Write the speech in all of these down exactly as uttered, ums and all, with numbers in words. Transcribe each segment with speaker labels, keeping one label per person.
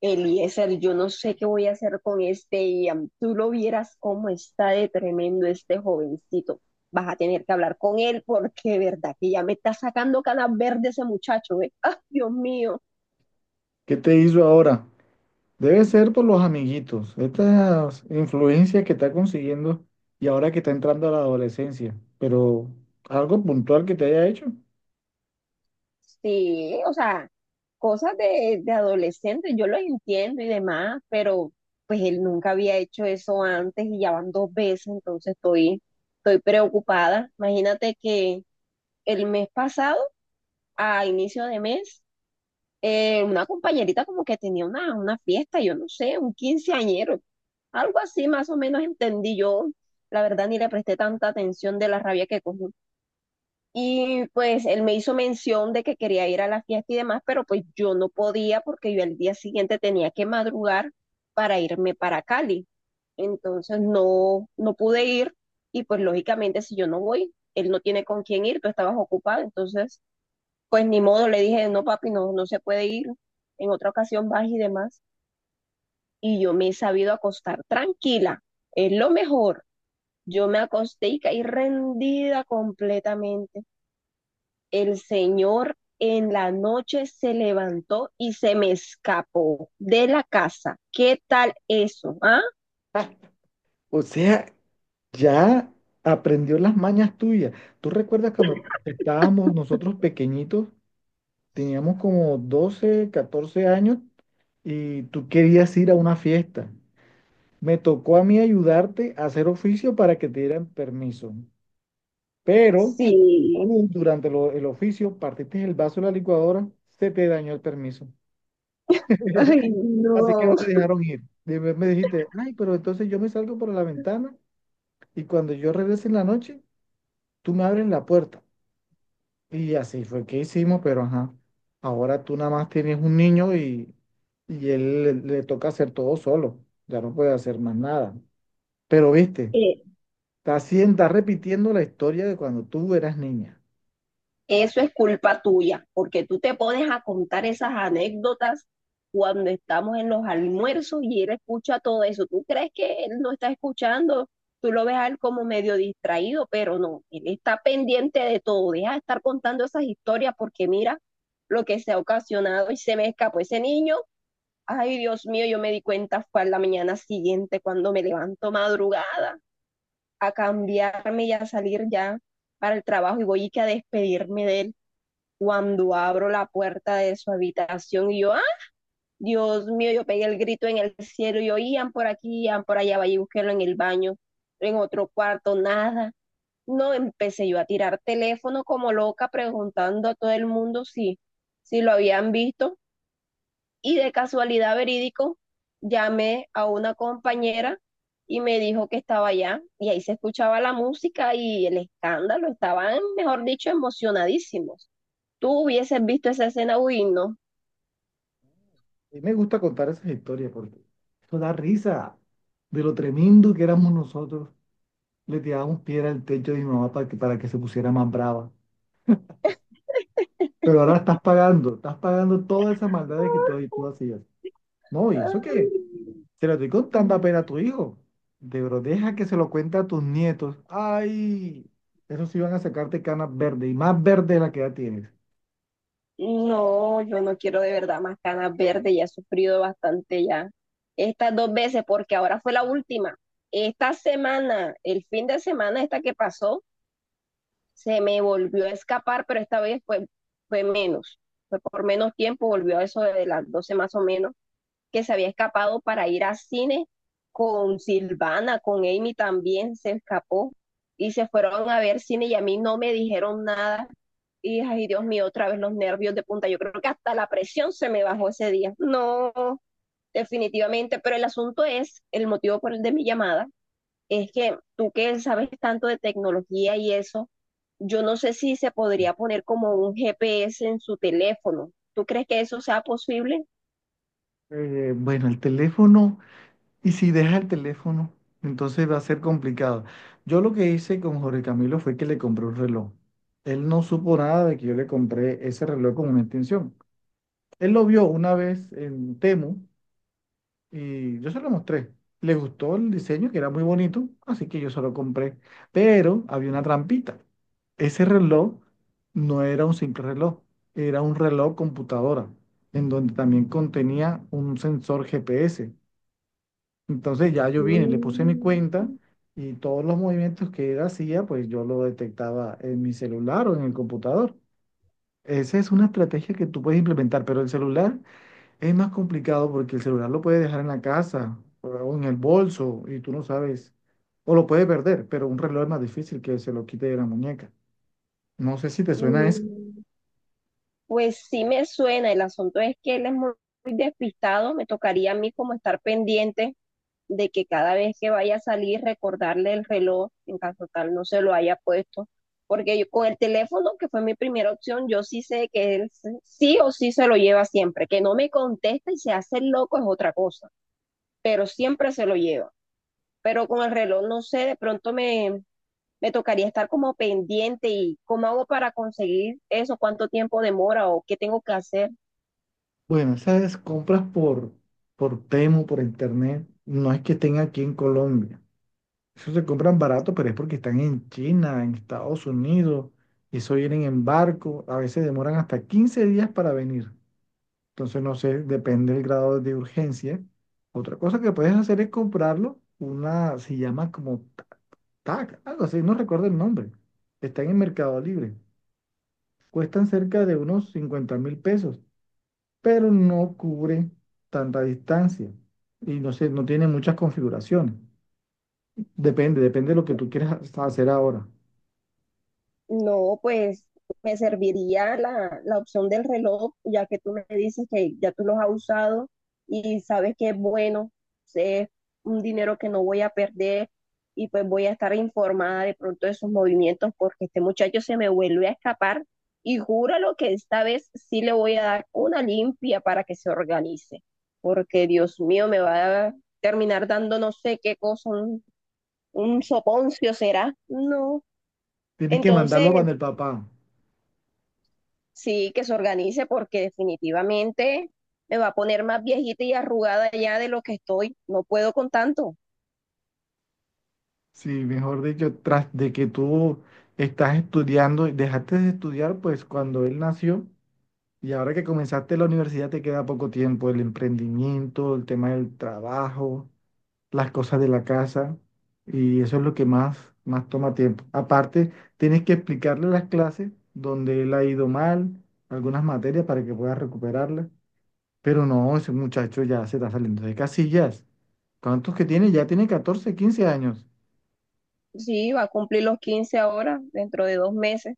Speaker 1: Eliezer, yo no sé qué voy a hacer con este Ian. Tú lo vieras cómo está de tremendo este jovencito. Vas a tener que hablar con él porque, de verdad, que ya me está sacando canas verdes ese muchacho, ¿eh? ¡Ah, Dios mío!
Speaker 2: ¿Qué te hizo ahora? Debe ser por los amiguitos, esta influencia que está consiguiendo y ahora que está entrando a la adolescencia, pero algo puntual que te haya hecho.
Speaker 1: Sí, o sea, cosas de, de adolescente, yo lo entiendo y demás, pero pues él nunca había hecho eso antes y ya van dos veces, entonces estoy, estoy preocupada. Imagínate que el mes pasado, a inicio de mes, eh, una compañerita como que tenía una, una fiesta, yo no sé, un quinceañero, algo así más o menos entendí yo. La verdad ni le presté tanta atención de la rabia que cogí. Y pues él me hizo mención de que quería ir a la fiesta y demás, pero pues yo no podía porque yo el día siguiente tenía que madrugar para irme para Cali. Entonces no, no pude ir y pues lógicamente si yo no voy, él no tiene con quién ir, tú estabas ocupado, entonces pues ni modo, le dije, no, papi, no, no se puede ir. En otra ocasión vas y demás. Y yo me he sabido acostar tranquila. Es lo mejor. Yo me acosté y caí rendida completamente. El Señor en la noche se levantó y se me escapó de la casa. ¿Qué tal eso? ¿Ah?
Speaker 2: Ah, o sea, ya aprendió las mañas tuyas. ¿Tú recuerdas cuando estábamos nosotros pequeñitos, teníamos como doce, catorce años y tú querías ir a una fiesta? Me tocó a mí ayudarte a hacer oficio para que te dieran permiso, pero.
Speaker 1: Sí.
Speaker 2: Tú, durante lo- el oficio, partiste el vaso de la licuadora, se te dañó el permiso.
Speaker 1: Ay,
Speaker 2: Así que
Speaker 1: no.
Speaker 2: no te dejaron ir. Después me dijiste, ay, pero entonces yo me salgo por la ventana y cuando yo regrese en la noche, tú me abres la puerta. Y así fue que hicimos, pero ajá, ahora tú nada más tienes un niño y, y él le, le toca hacer todo solo, ya no puede hacer más nada. Pero viste,
Speaker 1: Eh,
Speaker 2: está, haciendo- está repitiendo la historia de cuando tú eras niña.
Speaker 1: Eso es culpa tuya, porque tú te pones a contar esas anécdotas cuando estamos en los almuerzos y él escucha todo eso. Tú crees que él no está escuchando, tú lo ves a él como medio distraído, pero no, él está pendiente de todo. Deja de estar contando esas historias porque mira lo que se ha ocasionado y se me escapó ese niño. Ay, Dios mío, yo me di cuenta fue a la mañana siguiente cuando me levanto madrugada a cambiarme y a salir ya para el trabajo y voy y que a despedirme de él cuando abro la puerta de su habitación y yo, ¡ah! Dios mío, yo pegué el grito en el cielo y yo, iban por aquí, iban por allá, vaya y busquélo en el baño, en otro cuarto, nada. No, empecé yo a tirar teléfono como loca preguntando a todo el mundo si, si lo habían visto y de casualidad verídico llamé a una compañera y me dijo que estaba allá y ahí se escuchaba la música y el escándalo, estaban, mejor dicho, emocionadísimos, tú hubieses visto esa escena, uy, no.
Speaker 2: Y me gusta contar esas historias porque eso da risa de lo tremendo que éramos nosotros. Le tirábamos piedra al techo de mi mamá para que, para que se pusiera más brava. Pero ahora estás pagando, estás pagando todas esas maldades que tú, tú hacías. No, ¿y eso qué? Se lo estoy contando apenas a tu hijo. De bro, deja que se lo cuente a tus nietos. ¡Ay! Esos sí van a sacarte canas verdes y más verdes de la que ya tienes.
Speaker 1: No, yo no quiero de verdad más canas verdes, ya he sufrido bastante ya. Estas dos veces, porque ahora fue la última. Esta semana, el fin de semana esta que pasó, se me volvió a escapar, pero esta vez fue, fue menos. Fue por menos tiempo, volvió a eso de las doce más o menos, que se había escapado para ir a cine con Silvana, con Amy también se escapó y se fueron a ver cine y a mí no me dijeron nada. Y ay, Dios mío, otra vez los nervios de punta. Yo creo que hasta la presión se me bajó ese día. No, definitivamente, pero el asunto es, el motivo por el de mi llamada, es que tú que sabes tanto de tecnología y eso, yo no sé si se podría poner como un G P S en su teléfono. ¿Tú crees que eso sea posible?
Speaker 2: Eh, bueno, el teléfono. Y si deja el teléfono, entonces va a ser complicado. Yo lo que hice con Jorge Camilo fue que le compré un reloj. Él no supo nada de que yo le compré ese reloj con una extensión. Él lo vio una vez en Temu y yo se lo mostré. Le gustó el diseño, que era muy bonito, así que yo se lo compré. Pero había una trampita. Ese reloj no era un simple reloj, era un reloj computadora, en donde también contenía un sensor G P S. Entonces ya yo vine, le puse mi
Speaker 1: Mm.
Speaker 2: cuenta y todos los movimientos que él hacía, pues yo lo detectaba en mi celular o en el computador. Esa es una estrategia que tú puedes implementar, pero el celular es más complicado porque el celular lo puedes dejar en la casa o en el bolso y tú no sabes, o lo puedes perder, pero un reloj es más difícil que se lo quite de la muñeca. No sé si te suena eso.
Speaker 1: Mm, pues sí me suena, el asunto es que él es muy, muy despistado, me tocaría a mí como estar pendiente de que cada vez que vaya a salir recordarle el reloj, en caso tal no se lo haya puesto, porque yo con el teléfono, que fue mi primera opción, yo sí sé que él se- sí o sí se lo lleva siempre, que no me contesta y se hace el loco es otra cosa, pero siempre se lo lleva. Pero con el reloj, no sé, de pronto me, me tocaría estar como pendiente y cómo hago para conseguir eso, cuánto tiempo demora o qué tengo que hacer.
Speaker 2: Bueno, esas compras por, por Temu, por internet, no es que estén aquí en Colombia. Eso se compran barato, pero es porque están en China, en Estados Unidos, y eso vienen en barco. A veces demoran hasta quince días para venir. Entonces, no sé, depende del grado de urgencia. Otra cosa que puedes hacer es comprarlo. Una se llama como ta- T A C, algo así, no recuerdo el nombre. Están en Mercado Libre. Cuestan cerca de unos cincuenta mil pesos, pero no cubre tanta distancia. Y no sé, no tiene muchas configuraciones. Depende, depende de lo que tú quieras hacer ahora.
Speaker 1: No, pues me serviría la, la opción del reloj, ya que tú me dices que ya tú los has usado y sabes que es bueno, es un dinero que no voy a perder y pues voy a estar informada de pronto de sus movimientos porque este muchacho se me vuelve a escapar y júralo que esta vez sí le voy a dar una limpia para que se organice, porque Dios mío, me va a terminar dando no sé qué cosa, un, un soponcio será. No.
Speaker 2: Tienes que
Speaker 1: Entonces,
Speaker 2: mandarlo para el papá.
Speaker 1: sí, que se organice porque definitivamente me va a poner más viejita y arrugada ya de lo que estoy. No puedo con tanto.
Speaker 2: Sí, mejor dicho, tras de que tú estás estudiando, dejaste de estudiar, pues cuando él nació y ahora que comenzaste la universidad te queda poco tiempo, el emprendimiento, el tema del trabajo, las cosas de la casa y eso es lo que más, más toma tiempo. Aparte, tienes que explicarle las clases donde él ha ido mal, algunas materias para que pueda recuperarlas. Pero no, ese muchacho ya se está saliendo de casillas. ¿Cuántos que tiene? Ya tiene catorce, quince años.
Speaker 1: Sí, va a cumplir los quince ahora, dentro de dos meses.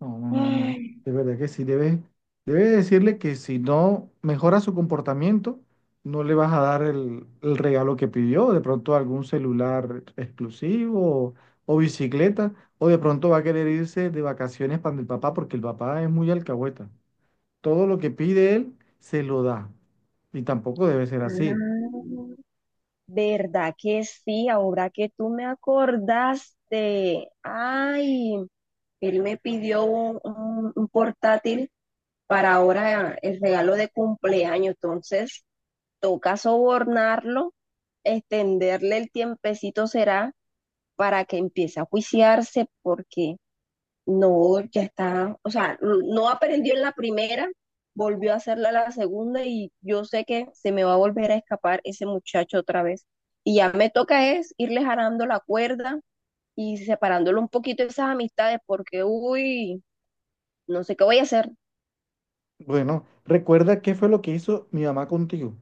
Speaker 2: No, no, no, no.
Speaker 1: Ay,
Speaker 2: De verdad que sí, debe, debe decirle que si no mejora su comportamiento, no le vas a dar el, el regalo que pidió. De pronto algún celular exclusivo o, bicicleta. O de pronto va a querer irse de vacaciones para el papá porque el papá es muy alcahueta. Todo lo que pide él se lo da. Y tampoco debe ser así.
Speaker 1: ah, ¿verdad que sí? Ahora que tú me acordaste. Ay, él me pidió un, un- un portátil para ahora el regalo de cumpleaños. Entonces, toca sobornarlo, extenderle el tiempecito será para que empiece a juiciarse porque no, ya está, o sea, n- no aprendió en la primera, volvió a hacerla la segunda y yo sé que se me va a volver a escapar ese muchacho otra vez. Y ya me toca es irle jarando la cuerda y separándolo un poquito de esas amistades porque, uy, no sé qué voy a hacer.
Speaker 2: Bueno, recuerda qué fue lo que hizo mi mamá contigo.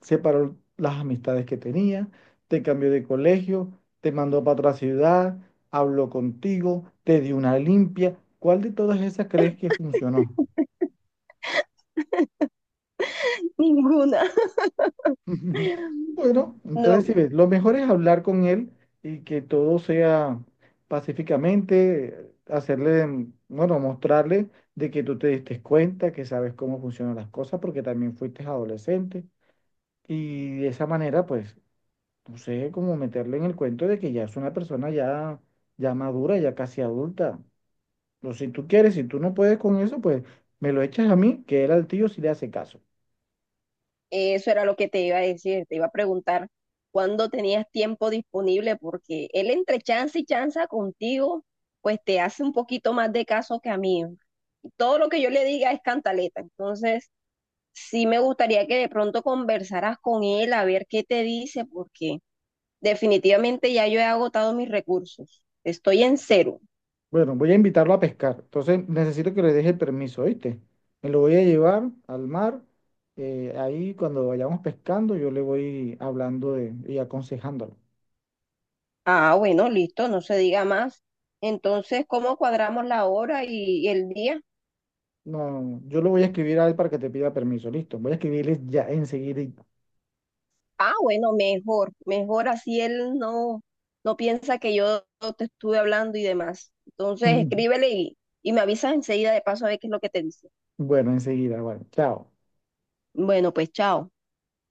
Speaker 2: Separó las amistades que tenía, te cambió de colegio, te mandó para otra ciudad, habló contigo, te dio una limpia. ¿Cuál de todas esas crees que funcionó?
Speaker 1: Ninguna.
Speaker 2: Bueno, entonces si
Speaker 1: No,
Speaker 2: ves, lo mejor es hablar con él y que todo sea pacíficamente, hacerle, mm, bueno, mostrarle de que tú te diste cuenta, que sabes cómo funcionan las cosas, porque también fuiste adolescente. Y de esa manera, pues, no sé, como meterle en el cuento de que ya es una persona ya, ya madura, ya casi adulta. Pero si tú quieres, si tú no puedes con eso, pues me lo echas a mí, que él al tío sí le hace caso.
Speaker 1: eso era lo que te iba a decir, te iba a preguntar cuándo tenías tiempo disponible, porque él entre chance y chanza contigo, pues te hace un poquito más de caso que a mí. Todo lo que yo le diga es cantaleta, entonces sí me gustaría que de pronto conversaras con él a ver qué te dice, porque definitivamente ya yo he agotado mis recursos, estoy en cero.
Speaker 2: Bueno, voy a invitarlo a pescar. Entonces necesito que le deje el permiso, ¿oíste? Me lo voy a llevar al mar. Eh, ahí cuando vayamos pescando, yo le voy hablando de- y aconsejándolo.
Speaker 1: Ah, bueno, listo, no se diga más. Entonces, ¿cómo cuadramos la hora y y el día?
Speaker 2: No, yo lo voy a escribir a él para que te pida permiso. Listo, voy a escribirle ya enseguida.
Speaker 1: Ah, bueno, mejor, mejor así él no, no piensa que yo te estuve hablando y demás. Entonces, escríbele y, y me avisas enseguida de paso a ver qué es lo que te dice.
Speaker 2: Bueno, enseguida, bueno, chao.
Speaker 1: Bueno, pues chao.